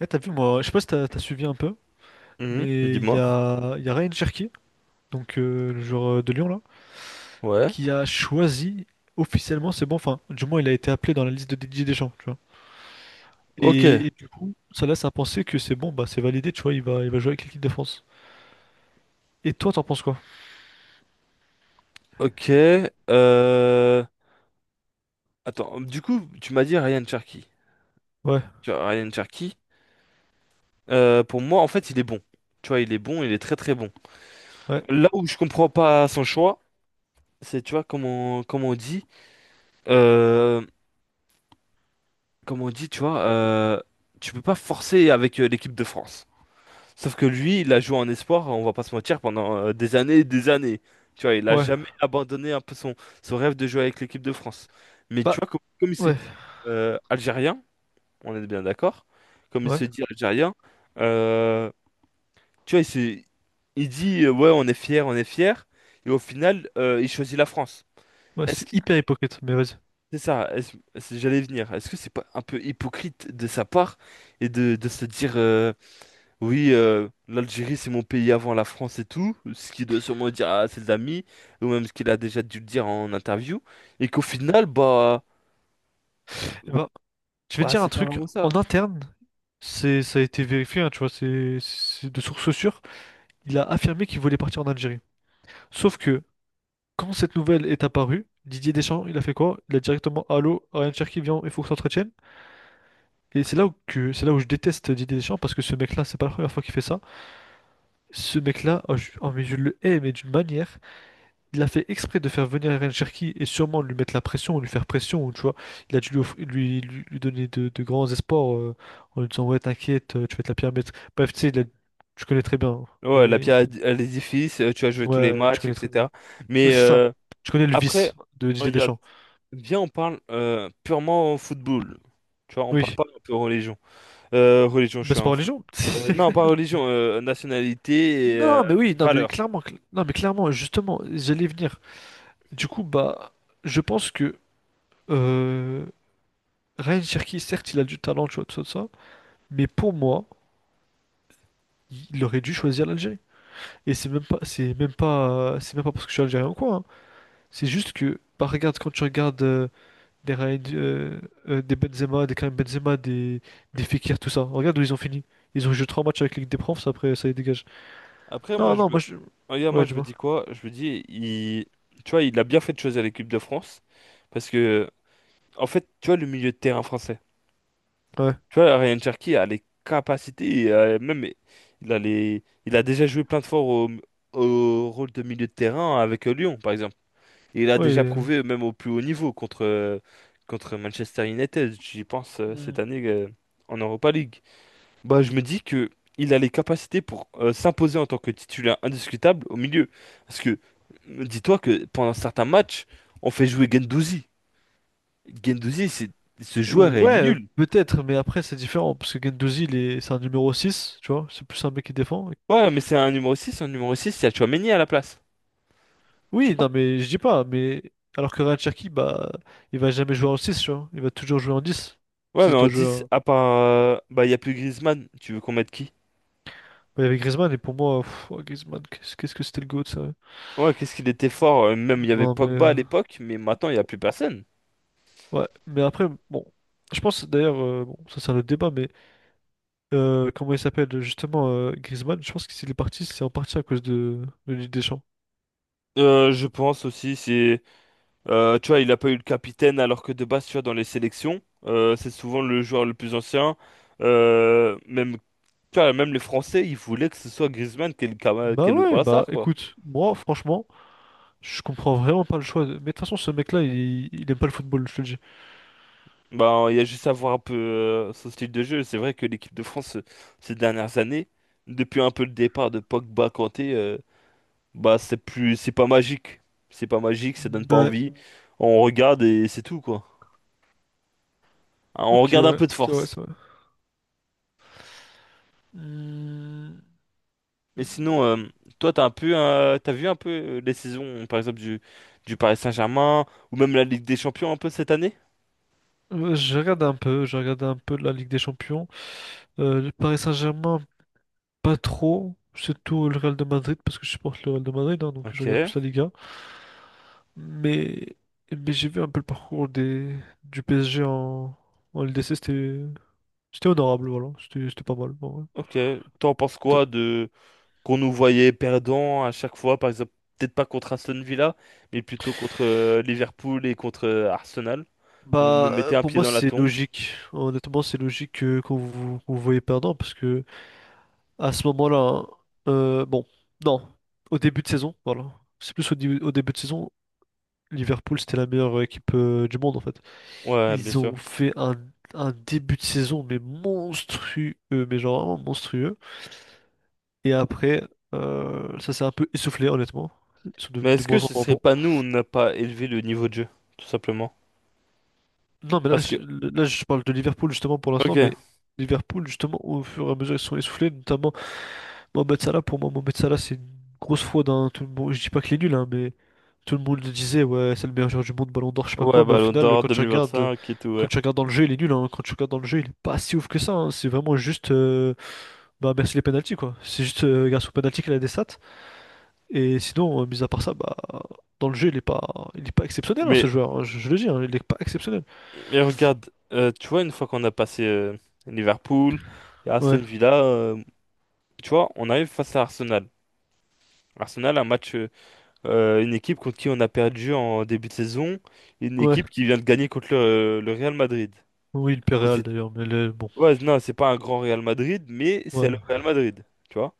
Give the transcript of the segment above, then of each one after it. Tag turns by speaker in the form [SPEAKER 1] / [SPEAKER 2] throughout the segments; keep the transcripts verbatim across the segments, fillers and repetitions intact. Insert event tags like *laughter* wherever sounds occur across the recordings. [SPEAKER 1] Eh, t'as vu, moi, je sais pas si t'as t'as suivi un peu,
[SPEAKER 2] Mhm,
[SPEAKER 1] mais il y
[SPEAKER 2] dis-moi.
[SPEAKER 1] a, il y a Ryan Cherki, donc euh, le joueur euh, de Lyon là,
[SPEAKER 2] Ouais.
[SPEAKER 1] qui a choisi officiellement, c'est bon, enfin, du moins il a été appelé dans la liste de Didier Deschamps, tu vois.
[SPEAKER 2] Ok.
[SPEAKER 1] Et, et du coup, ça laisse à penser que c'est bon, bah c'est validé, tu vois, il va, il va jouer avec l'équipe de France. Et toi, t'en penses quoi?
[SPEAKER 2] Ok. Euh... Attends. Du coup, tu m'as dit Ryan Cherky.
[SPEAKER 1] Ouais,
[SPEAKER 2] Tu vois, Ryan Cherky, euh, pour moi, en fait, il est bon. Tu vois, il est bon, il est très très bon.
[SPEAKER 1] ouais,
[SPEAKER 2] Là où je comprends pas son choix, c'est, tu vois, comment, comment on dit, euh, comment on dit, tu vois, euh, tu peux pas forcer avec euh, l'équipe de France. Sauf que lui, il a joué en espoir, on va pas se mentir, pendant euh, des années et des années. Tu vois, il a
[SPEAKER 1] ouais,
[SPEAKER 2] jamais abandonné un peu son, son rêve de jouer avec l'équipe de France. Mais tu
[SPEAKER 1] bah,
[SPEAKER 2] vois, comme, comme il se
[SPEAKER 1] ouais,
[SPEAKER 2] dit euh, algérien, on est bien d'accord, comme il
[SPEAKER 1] ouais,
[SPEAKER 2] se dit algérien, euh, tu vois, il, s'est- il dit euh, ouais, on est fier, on est fier, et au final, euh, il choisit la France.
[SPEAKER 1] ouais,
[SPEAKER 2] Est-ce
[SPEAKER 1] c'est
[SPEAKER 2] que
[SPEAKER 1] hyper hypocrite, mais vas-y.
[SPEAKER 2] c'est ça? Est-ce- est-ce- j'allais y venir. Est-ce que c'est pas un peu hypocrite de sa part et de, de se dire. euh, oui, euh, l'Algérie, c'est mon pays avant la France et tout, ce qu'il doit sûrement dire à ses amis, ou même ce qu'il a déjà dû le dire en interview, et qu'au final, bah,
[SPEAKER 1] Eh ben, je vais te
[SPEAKER 2] bah
[SPEAKER 1] dire un
[SPEAKER 2] c'est pas
[SPEAKER 1] truc,
[SPEAKER 2] vraiment
[SPEAKER 1] en
[SPEAKER 2] ça.
[SPEAKER 1] interne, c'est, ça a été vérifié, hein, tu vois, c'est c'est de sources sûres, il a affirmé qu'il voulait partir en Algérie. Sauf que quand cette nouvelle est apparue, Didier Deschamps, il a fait quoi? Il a directement, allô, Ryan Cherki, viens, il faut que tu t'entretiennes. Et c'est là où que c'est là où je déteste Didier Deschamps parce que ce mec-là, c'est pas la première fois qu'il fait ça. Ce mec-là, oh, je, oh, mais je le hais, mais d'une manière. Il a fait exprès de faire venir Ryan Cherki et sûrement lui mettre la pression, ou lui faire pression, ou tu vois. Il a dû lui, offrir- lui, lui- lui donner de, de grands espoirs euh, en lui disant ouais, t'inquiète, euh, tu vas être la pire maître. Bref, tu sais, il a- tu connais très bien, hein,
[SPEAKER 2] Ouais, la
[SPEAKER 1] les-
[SPEAKER 2] pierre à l'édifice, euh, tu as joué tous les
[SPEAKER 1] ouais, tu
[SPEAKER 2] matchs,
[SPEAKER 1] connais très bien.
[SPEAKER 2] et cetera.
[SPEAKER 1] Ouais,
[SPEAKER 2] Mais
[SPEAKER 1] c'est ça.
[SPEAKER 2] euh,
[SPEAKER 1] Tu connais le
[SPEAKER 2] après,
[SPEAKER 1] vice de Didier
[SPEAKER 2] regarde,
[SPEAKER 1] Deschamps.
[SPEAKER 2] viens, on parle euh, purement football. Tu vois, on parle
[SPEAKER 1] Oui.
[SPEAKER 2] pas un peu religion. Euh, religion, je
[SPEAKER 1] Bah,
[SPEAKER 2] suis
[SPEAKER 1] c'est pas
[SPEAKER 2] un fou.
[SPEAKER 1] religion.
[SPEAKER 2] Euh, non, pas
[SPEAKER 1] *laughs*
[SPEAKER 2] religion, euh, nationalité et euh,
[SPEAKER 1] Non, mais oui, non, mais
[SPEAKER 2] valeur.
[SPEAKER 1] clairement, cl- non, mais clairement, justement, j'allais venir. Du coup, bah, je pense que euh, Ryan Cherki, certes, il a du talent, tu vois, tout ça, tout ça, mais pour moi, il aurait dû choisir l'Algérie. Et c'est même pas, c'est même pas, c'est même pas parce que je suis algérien ou quoi, hein. C'est juste que, bah, regarde, quand tu regardes euh, des Ryan, euh, euh, des Benzema, des Karim Benzema, des, des Fekir, tout ça, regarde où ils ont fini. Ils ont joué trois matchs avec Ligue des Profs, après, ça les dégage.
[SPEAKER 2] Après, moi,
[SPEAKER 1] Non,
[SPEAKER 2] je
[SPEAKER 1] non,
[SPEAKER 2] me...
[SPEAKER 1] moi, je...
[SPEAKER 2] Regarde, moi,
[SPEAKER 1] ouais,
[SPEAKER 2] je me
[SPEAKER 1] dis-moi.
[SPEAKER 2] dis quoi? Je me dis, il... Tu vois, il a bien fait de choisir l'équipe de France. Parce que, en fait, tu vois, le milieu de terrain français.
[SPEAKER 1] Ouais,
[SPEAKER 2] Tu vois, Ryan Cherki a les capacités, et, euh, même, il a les... il a déjà joué plein de fois au... au rôle de milieu de terrain avec euh, Lyon, par exemple. Et il a
[SPEAKER 1] ouais.
[SPEAKER 2] déjà
[SPEAKER 1] euh,
[SPEAKER 2] prouvé, même au plus haut niveau, contre, euh, contre Manchester United, j'y pense, euh,
[SPEAKER 1] Hmm.
[SPEAKER 2] cette année, euh, en Europa League. Bah, je me dis que il a les capacités pour euh, s'imposer en tant que titulaire indiscutable au milieu. Parce que, euh, dis-toi que pendant certains matchs, on fait jouer Gendouzi. Gendouzi, c'est ce joueur est
[SPEAKER 1] Ouais,
[SPEAKER 2] nul.
[SPEAKER 1] peut-être, mais après c'est différent, parce que Gendouzi, il est... c'est un numéro six tu vois, c'est plus un mec qui défend.
[SPEAKER 2] Ouais, mais c'est un numéro six. Un numéro six, il y a Tchouaméni à la place. Tu
[SPEAKER 1] Oui,
[SPEAKER 2] vois?
[SPEAKER 1] non, mais je dis pas, mais alors que Ryan Cherki, bah, il va jamais jouer en six tu vois, il va toujours jouer en dix.
[SPEAKER 2] Ouais,
[SPEAKER 1] Si
[SPEAKER 2] mais en
[SPEAKER 1] toi jouer
[SPEAKER 2] dix,
[SPEAKER 1] en-
[SPEAKER 2] à part. euh, bah, il n'y a plus Griezmann. Tu veux qu'on mette qui?
[SPEAKER 1] Bah, il y avait Griezmann, et pour moi, pff, oh, Griezmann, qu'est-ce qu'est-ce que c'était le GOAT, ça.
[SPEAKER 2] Ouais, qu'est-ce qu'il était fort. euh, Même, il y avait
[SPEAKER 1] Non, mais,
[SPEAKER 2] Pogba à
[SPEAKER 1] euh,
[SPEAKER 2] l'époque, mais maintenant, il n'y a plus personne.
[SPEAKER 1] ouais, mais après, bon, je pense d'ailleurs, euh, bon, ça c'est un autre débat, mais euh, comment il s'appelle justement euh, Griezmann, je pense que s'il est parti, c'est en partie à cause de, de Ligue des Champs.
[SPEAKER 2] Euh, je pense aussi, c'est. Euh, tu vois, il a pas eu le capitaine alors que de base, tu vois, dans les sélections, euh, c'est souvent le joueur le plus ancien. Euh, même, tu vois, même les Français, ils voulaient que ce soit Griezmann qui ait le, cama- qui
[SPEAKER 1] Bah
[SPEAKER 2] ait le
[SPEAKER 1] ouais, bah
[SPEAKER 2] brassard, quoi.
[SPEAKER 1] écoute, moi franchement, je comprends vraiment pas le choix. de- Mais de toute façon, ce mec-là, il, il aime pas le football, je te le dis.
[SPEAKER 2] Ben, il y a juste à voir un peu euh, son style de jeu. C'est vrai que l'équipe de France, euh, ces dernières années, depuis un peu le départ de Pogba, Kanté, euh, bah c'est plus, c'est pas magique. C'est pas magique, ça donne pas
[SPEAKER 1] Ouais,
[SPEAKER 2] envie. On regarde et c'est tout, quoi. Hein, on
[SPEAKER 1] ok,
[SPEAKER 2] regarde un
[SPEAKER 1] ouais,
[SPEAKER 2] peu de
[SPEAKER 1] c'est vrai,
[SPEAKER 2] force.
[SPEAKER 1] c'est vrai. Hmm.
[SPEAKER 2] Mais sinon, euh, toi, t'as un peu, euh, t'as vu un peu euh, les saisons, par exemple, du, du Paris Saint-Germain, ou même la Ligue des Champions un peu cette année?
[SPEAKER 1] Euh, Je regarde un peu, je regarde un peu la Ligue des Champions. Euh, le Paris Saint-Germain, pas trop. Surtout le Real de Madrid, parce que je supporte le Real de Madrid, hein, donc je regarde
[SPEAKER 2] Ok,
[SPEAKER 1] plus la Liga. Mais, mais j'ai vu un peu le parcours des, du P S G en, en L D C, c'était c'était honorable, voilà. C'était c'était pas mal, en vrai.
[SPEAKER 2] ok. T'en penses
[SPEAKER 1] Et toi
[SPEAKER 2] quoi de qu'on nous voyait perdants à chaque fois, par exemple, peut-être pas contre Aston Villa, mais plutôt contre euh, Liverpool et contre euh, Arsenal, où on nous
[SPEAKER 1] Bah, euh,
[SPEAKER 2] mettait un
[SPEAKER 1] pour
[SPEAKER 2] pied
[SPEAKER 1] moi,
[SPEAKER 2] dans la
[SPEAKER 1] c'est
[SPEAKER 2] tombe?
[SPEAKER 1] logique. Honnêtement, c'est logique que- qu'on vous, qu'on vous voyez perdant, parce que à ce moment-là, hein, euh, bon, non, au début de saison, voilà. C'est plus au, di- au début de saison, Liverpool, c'était la meilleure euh, équipe euh, du monde en fait.
[SPEAKER 2] Ouais, bien
[SPEAKER 1] Ils
[SPEAKER 2] sûr.
[SPEAKER 1] ont fait un, un début de saison, mais monstrueux, mais genre vraiment monstrueux. Et après, euh, ça s'est un peu essoufflé, honnêtement. Ils sont de
[SPEAKER 2] Mais
[SPEAKER 1] de
[SPEAKER 2] est-ce que
[SPEAKER 1] moins en
[SPEAKER 2] ce
[SPEAKER 1] moins
[SPEAKER 2] serait
[SPEAKER 1] bons.
[SPEAKER 2] pas nous, on n'a pas élevé le niveau de jeu, tout simplement?
[SPEAKER 1] Non, mais là
[SPEAKER 2] Parce que,
[SPEAKER 1] je, là, je parle de Liverpool justement pour l'instant,
[SPEAKER 2] ok,
[SPEAKER 1] mais Liverpool, justement, au fur et à mesure, ils se sont essoufflés, notamment. Mohamed Salah, pour moi, Mohamed Salah, c'est une grosse fraude, hein. Tout le monde, je dis pas qu'il est nul, hein, mais tout le monde le disait, ouais, c'est le meilleur joueur du monde, Ballon d'Or, je sais pas quoi.
[SPEAKER 2] ouais,
[SPEAKER 1] Mais au
[SPEAKER 2] Ballon
[SPEAKER 1] final,
[SPEAKER 2] d'Or
[SPEAKER 1] quand tu regardes,
[SPEAKER 2] cinq et tout,
[SPEAKER 1] quand
[SPEAKER 2] ouais.
[SPEAKER 1] tu regardes dans le jeu, il est nul, hein. Quand tu regardes dans le jeu, il est pas si ouf que ça, hein. C'est vraiment juste, euh, bah merci les pénaltys quoi. C'est juste euh, grâce aux pénaltys qu'il a des stats. Et sinon, euh, mis à part ça, bah dans le jeu, il est pas, il est pas exceptionnel hein,
[SPEAKER 2] Mais
[SPEAKER 1] ce joueur, hein. Je, je le dis, hein, il est pas exceptionnel.
[SPEAKER 2] Mais regarde, euh, tu vois, une fois qu'on a passé euh, Liverpool et Aston
[SPEAKER 1] Ouais,
[SPEAKER 2] Villa, euh, tu vois, on arrive face à Arsenal. Arsenal, un match, euh, euh, une équipe contre qui on a perdu en début de saison, une
[SPEAKER 1] ouais.
[SPEAKER 2] équipe qui vient de gagner contre le, euh, le Real Madrid.
[SPEAKER 1] Oui, il perd
[SPEAKER 2] Bon,
[SPEAKER 1] Real
[SPEAKER 2] c'est-
[SPEAKER 1] d'ailleurs, mais le- bon,
[SPEAKER 2] ouais, non, c'est pas un grand Real Madrid, mais c'est le
[SPEAKER 1] ouais,
[SPEAKER 2] Real Madrid, tu vois.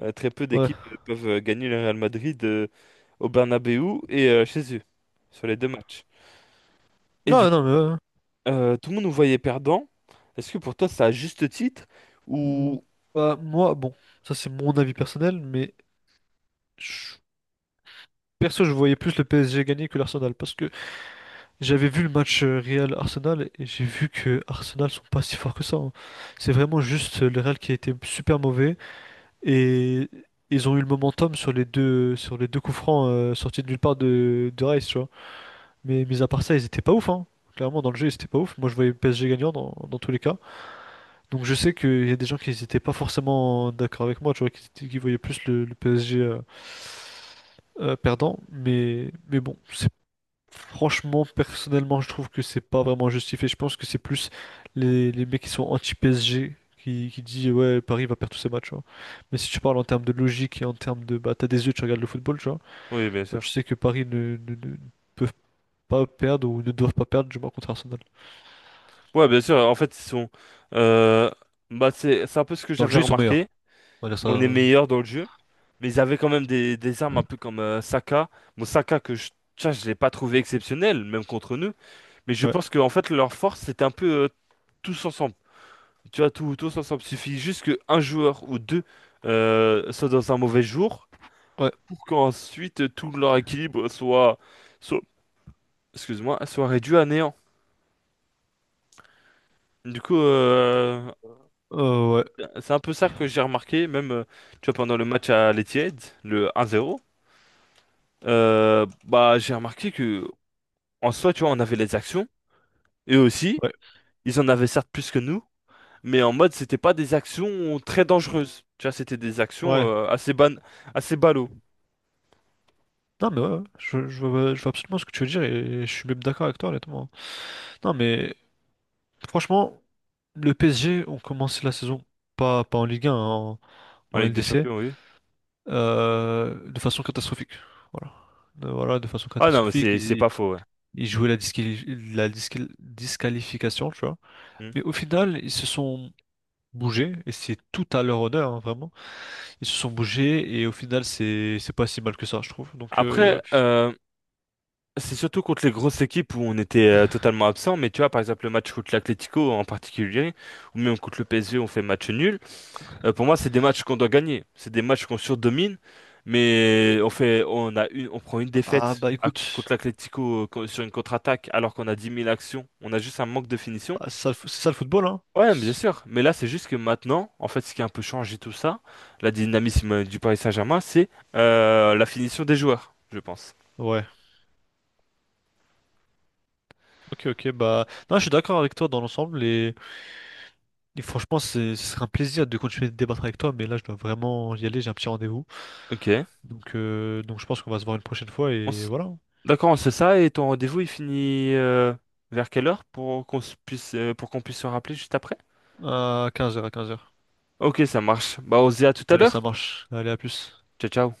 [SPEAKER 2] Euh, très peu
[SPEAKER 1] ouais.
[SPEAKER 2] d'équipes euh, peuvent euh, gagner le Real Madrid euh, au Bernabeu et euh, chez eux, sur les deux matchs. Et du
[SPEAKER 1] Non, non,
[SPEAKER 2] coup,
[SPEAKER 1] mais ouais.
[SPEAKER 2] euh, tout le monde nous voyait perdant. Est-ce que pour toi, c'est à juste titre?
[SPEAKER 1] Mm, Bah, moi, bon, ça c'est mon avis personnel, mais je- perso, je voyais plus le P S G gagner que l'Arsenal parce que j'avais vu le match euh, Real-Arsenal et j'ai vu que Arsenal sont pas si forts que ça, hein. C'est vraiment juste euh, le Real qui a été super mauvais et ils ont eu le momentum sur les deux, sur les deux coups francs euh, sortis de nulle part de, de Rice, tu vois. Mais mis à part ça, ils étaient pas ouf, hein. Clairement, dans le jeu, ils étaient pas ouf. Moi, je voyais le P S G gagnant dans, dans tous les cas. Donc je sais qu'il y a des gens qui n'étaient pas forcément d'accord avec moi, tu vois, qui, étaient- qui voyaient plus le, le P S G euh, euh, perdant, mais, mais bon, c'est franchement, personnellement, je trouve que c'est pas vraiment justifié. Je pense que c'est plus les, les mecs qui sont anti-P S G qui, qui disent ouais, Paris va perdre tous ses matchs, tu vois. Mais si tu parles en termes de logique et en termes de bah t'as des yeux, tu regardes le football, tu vois,
[SPEAKER 2] Oui, bien
[SPEAKER 1] bah tu
[SPEAKER 2] sûr.
[SPEAKER 1] sais que Paris ne, ne, ne peuvent pas perdre ou ne doivent pas perdre, du moins contre Arsenal.
[SPEAKER 2] Ouais, bien sûr. En fait, ils sont. euh, bah, c'est, c'est un peu ce que
[SPEAKER 1] Dans le
[SPEAKER 2] j'avais
[SPEAKER 1] jeu, ils sont
[SPEAKER 2] remarqué.
[SPEAKER 1] meilleurs. On va dire
[SPEAKER 2] On est
[SPEAKER 1] ça.
[SPEAKER 2] meilleur dans le jeu, mais ils avaient quand même des, des armes un peu comme euh, Saka. Bon, Saka que je, tiens, je l'ai pas trouvé exceptionnel, même contre nous. Mais je
[SPEAKER 1] Ouais.
[SPEAKER 2] pense que en fait, leur force, c'était un peu euh, tous ensemble. Tu vois, tout, tous ensemble. Il suffit juste qu'un joueur ou deux euh, soit dans un mauvais jour
[SPEAKER 1] Ouais.
[SPEAKER 2] pour qu'ensuite tout leur équilibre soit, soit, excuse-moi, soit réduit à néant. Du coup, euh,
[SPEAKER 1] Euh, ouais.
[SPEAKER 2] c'est un peu ça que j'ai remarqué, même euh, tu vois, pendant le match à l'Etihad, le un zéro, euh, bah, j'ai remarqué que en soi, tu vois, on avait les actions, et aussi,
[SPEAKER 1] Ouais.
[SPEAKER 2] ils en avaient certes plus que nous, mais en mode, c'était pas des actions très dangereuses. Tu vois, c'était des actions
[SPEAKER 1] Ouais.
[SPEAKER 2] euh, assez ban assez ballot
[SPEAKER 1] Non, mais ouais, ouais. je, je vois, je vois absolument ce que tu veux dire et je suis même d'accord avec toi, honnêtement. Non, mais franchement, le P S G ont commencé la saison, pas, pas en Ligue un, en,
[SPEAKER 2] en
[SPEAKER 1] en
[SPEAKER 2] Ligue des
[SPEAKER 1] L D C,
[SPEAKER 2] Champions, oui.
[SPEAKER 1] euh, de façon catastrophique. Voilà. De, voilà, de façon
[SPEAKER 2] Ah non, mais
[SPEAKER 1] catastrophique.
[SPEAKER 2] c'est c'est
[SPEAKER 1] Ils, y-
[SPEAKER 2] pas faux, ouais.
[SPEAKER 1] ils jouaient la, disquali- la disqual- disqualification, tu vois.
[SPEAKER 2] Hmm.
[SPEAKER 1] Mais au final, ils se sont bougés et c'est tout à leur honneur, hein, vraiment. Ils se sont bougés et au final, c'est, c'est pas si mal que ça, je trouve. Donc, euh,
[SPEAKER 2] Après, euh, c'est surtout contre les grosses équipes où on était euh, totalement absent, mais tu vois, par exemple, le match contre l'Atlético en particulier, ou même contre le P S G, on fait match nul. Euh, pour moi, c'est des matchs qu'on doit gagner. C'est des matchs qu'on surdomine, mais on fait, on a une, on prend une
[SPEAKER 1] ah
[SPEAKER 2] défaite
[SPEAKER 1] bah
[SPEAKER 2] à- contre
[SPEAKER 1] écoute.
[SPEAKER 2] l'Atlético euh, co- sur une contre-attaque alors qu'on a dix mille actions. On a juste un manque de finition.
[SPEAKER 1] Bah, c'est ça, le fo- c'est ça le football, hein?
[SPEAKER 2] Ouais, mais bien
[SPEAKER 1] C'est-
[SPEAKER 2] sûr. Mais là, c'est juste que maintenant, en fait, ce qui a un peu changé tout ça, la dynamisme du Paris Saint-Germain, c'est euh, la finition des joueurs, je pense.
[SPEAKER 1] Ouais. Ok, ok. Bah, non, je suis d'accord avec toi dans l'ensemble et, et franchement, c'est, ce serait un plaisir de continuer de débattre avec toi, mais là, je dois vraiment y aller, j'ai un petit rendez-vous.
[SPEAKER 2] Ok.
[SPEAKER 1] Donc, euh, donc je pense qu'on va se voir une prochaine fois
[SPEAKER 2] On
[SPEAKER 1] et
[SPEAKER 2] s-
[SPEAKER 1] voilà.
[SPEAKER 2] D'accord, on sait ça. Et ton rendez-vous, il finit euh, vers quelle heure pour qu'on se puisse, euh, pour qu'on puisse se rappeler juste après?
[SPEAKER 1] À quinze heures, à quinze heures.
[SPEAKER 2] Ok, ça marche. Bah, on se dit à tout à
[SPEAKER 1] Allez, ça
[SPEAKER 2] l'heure.
[SPEAKER 1] marche. Allez, à plus.
[SPEAKER 2] Ciao, ciao.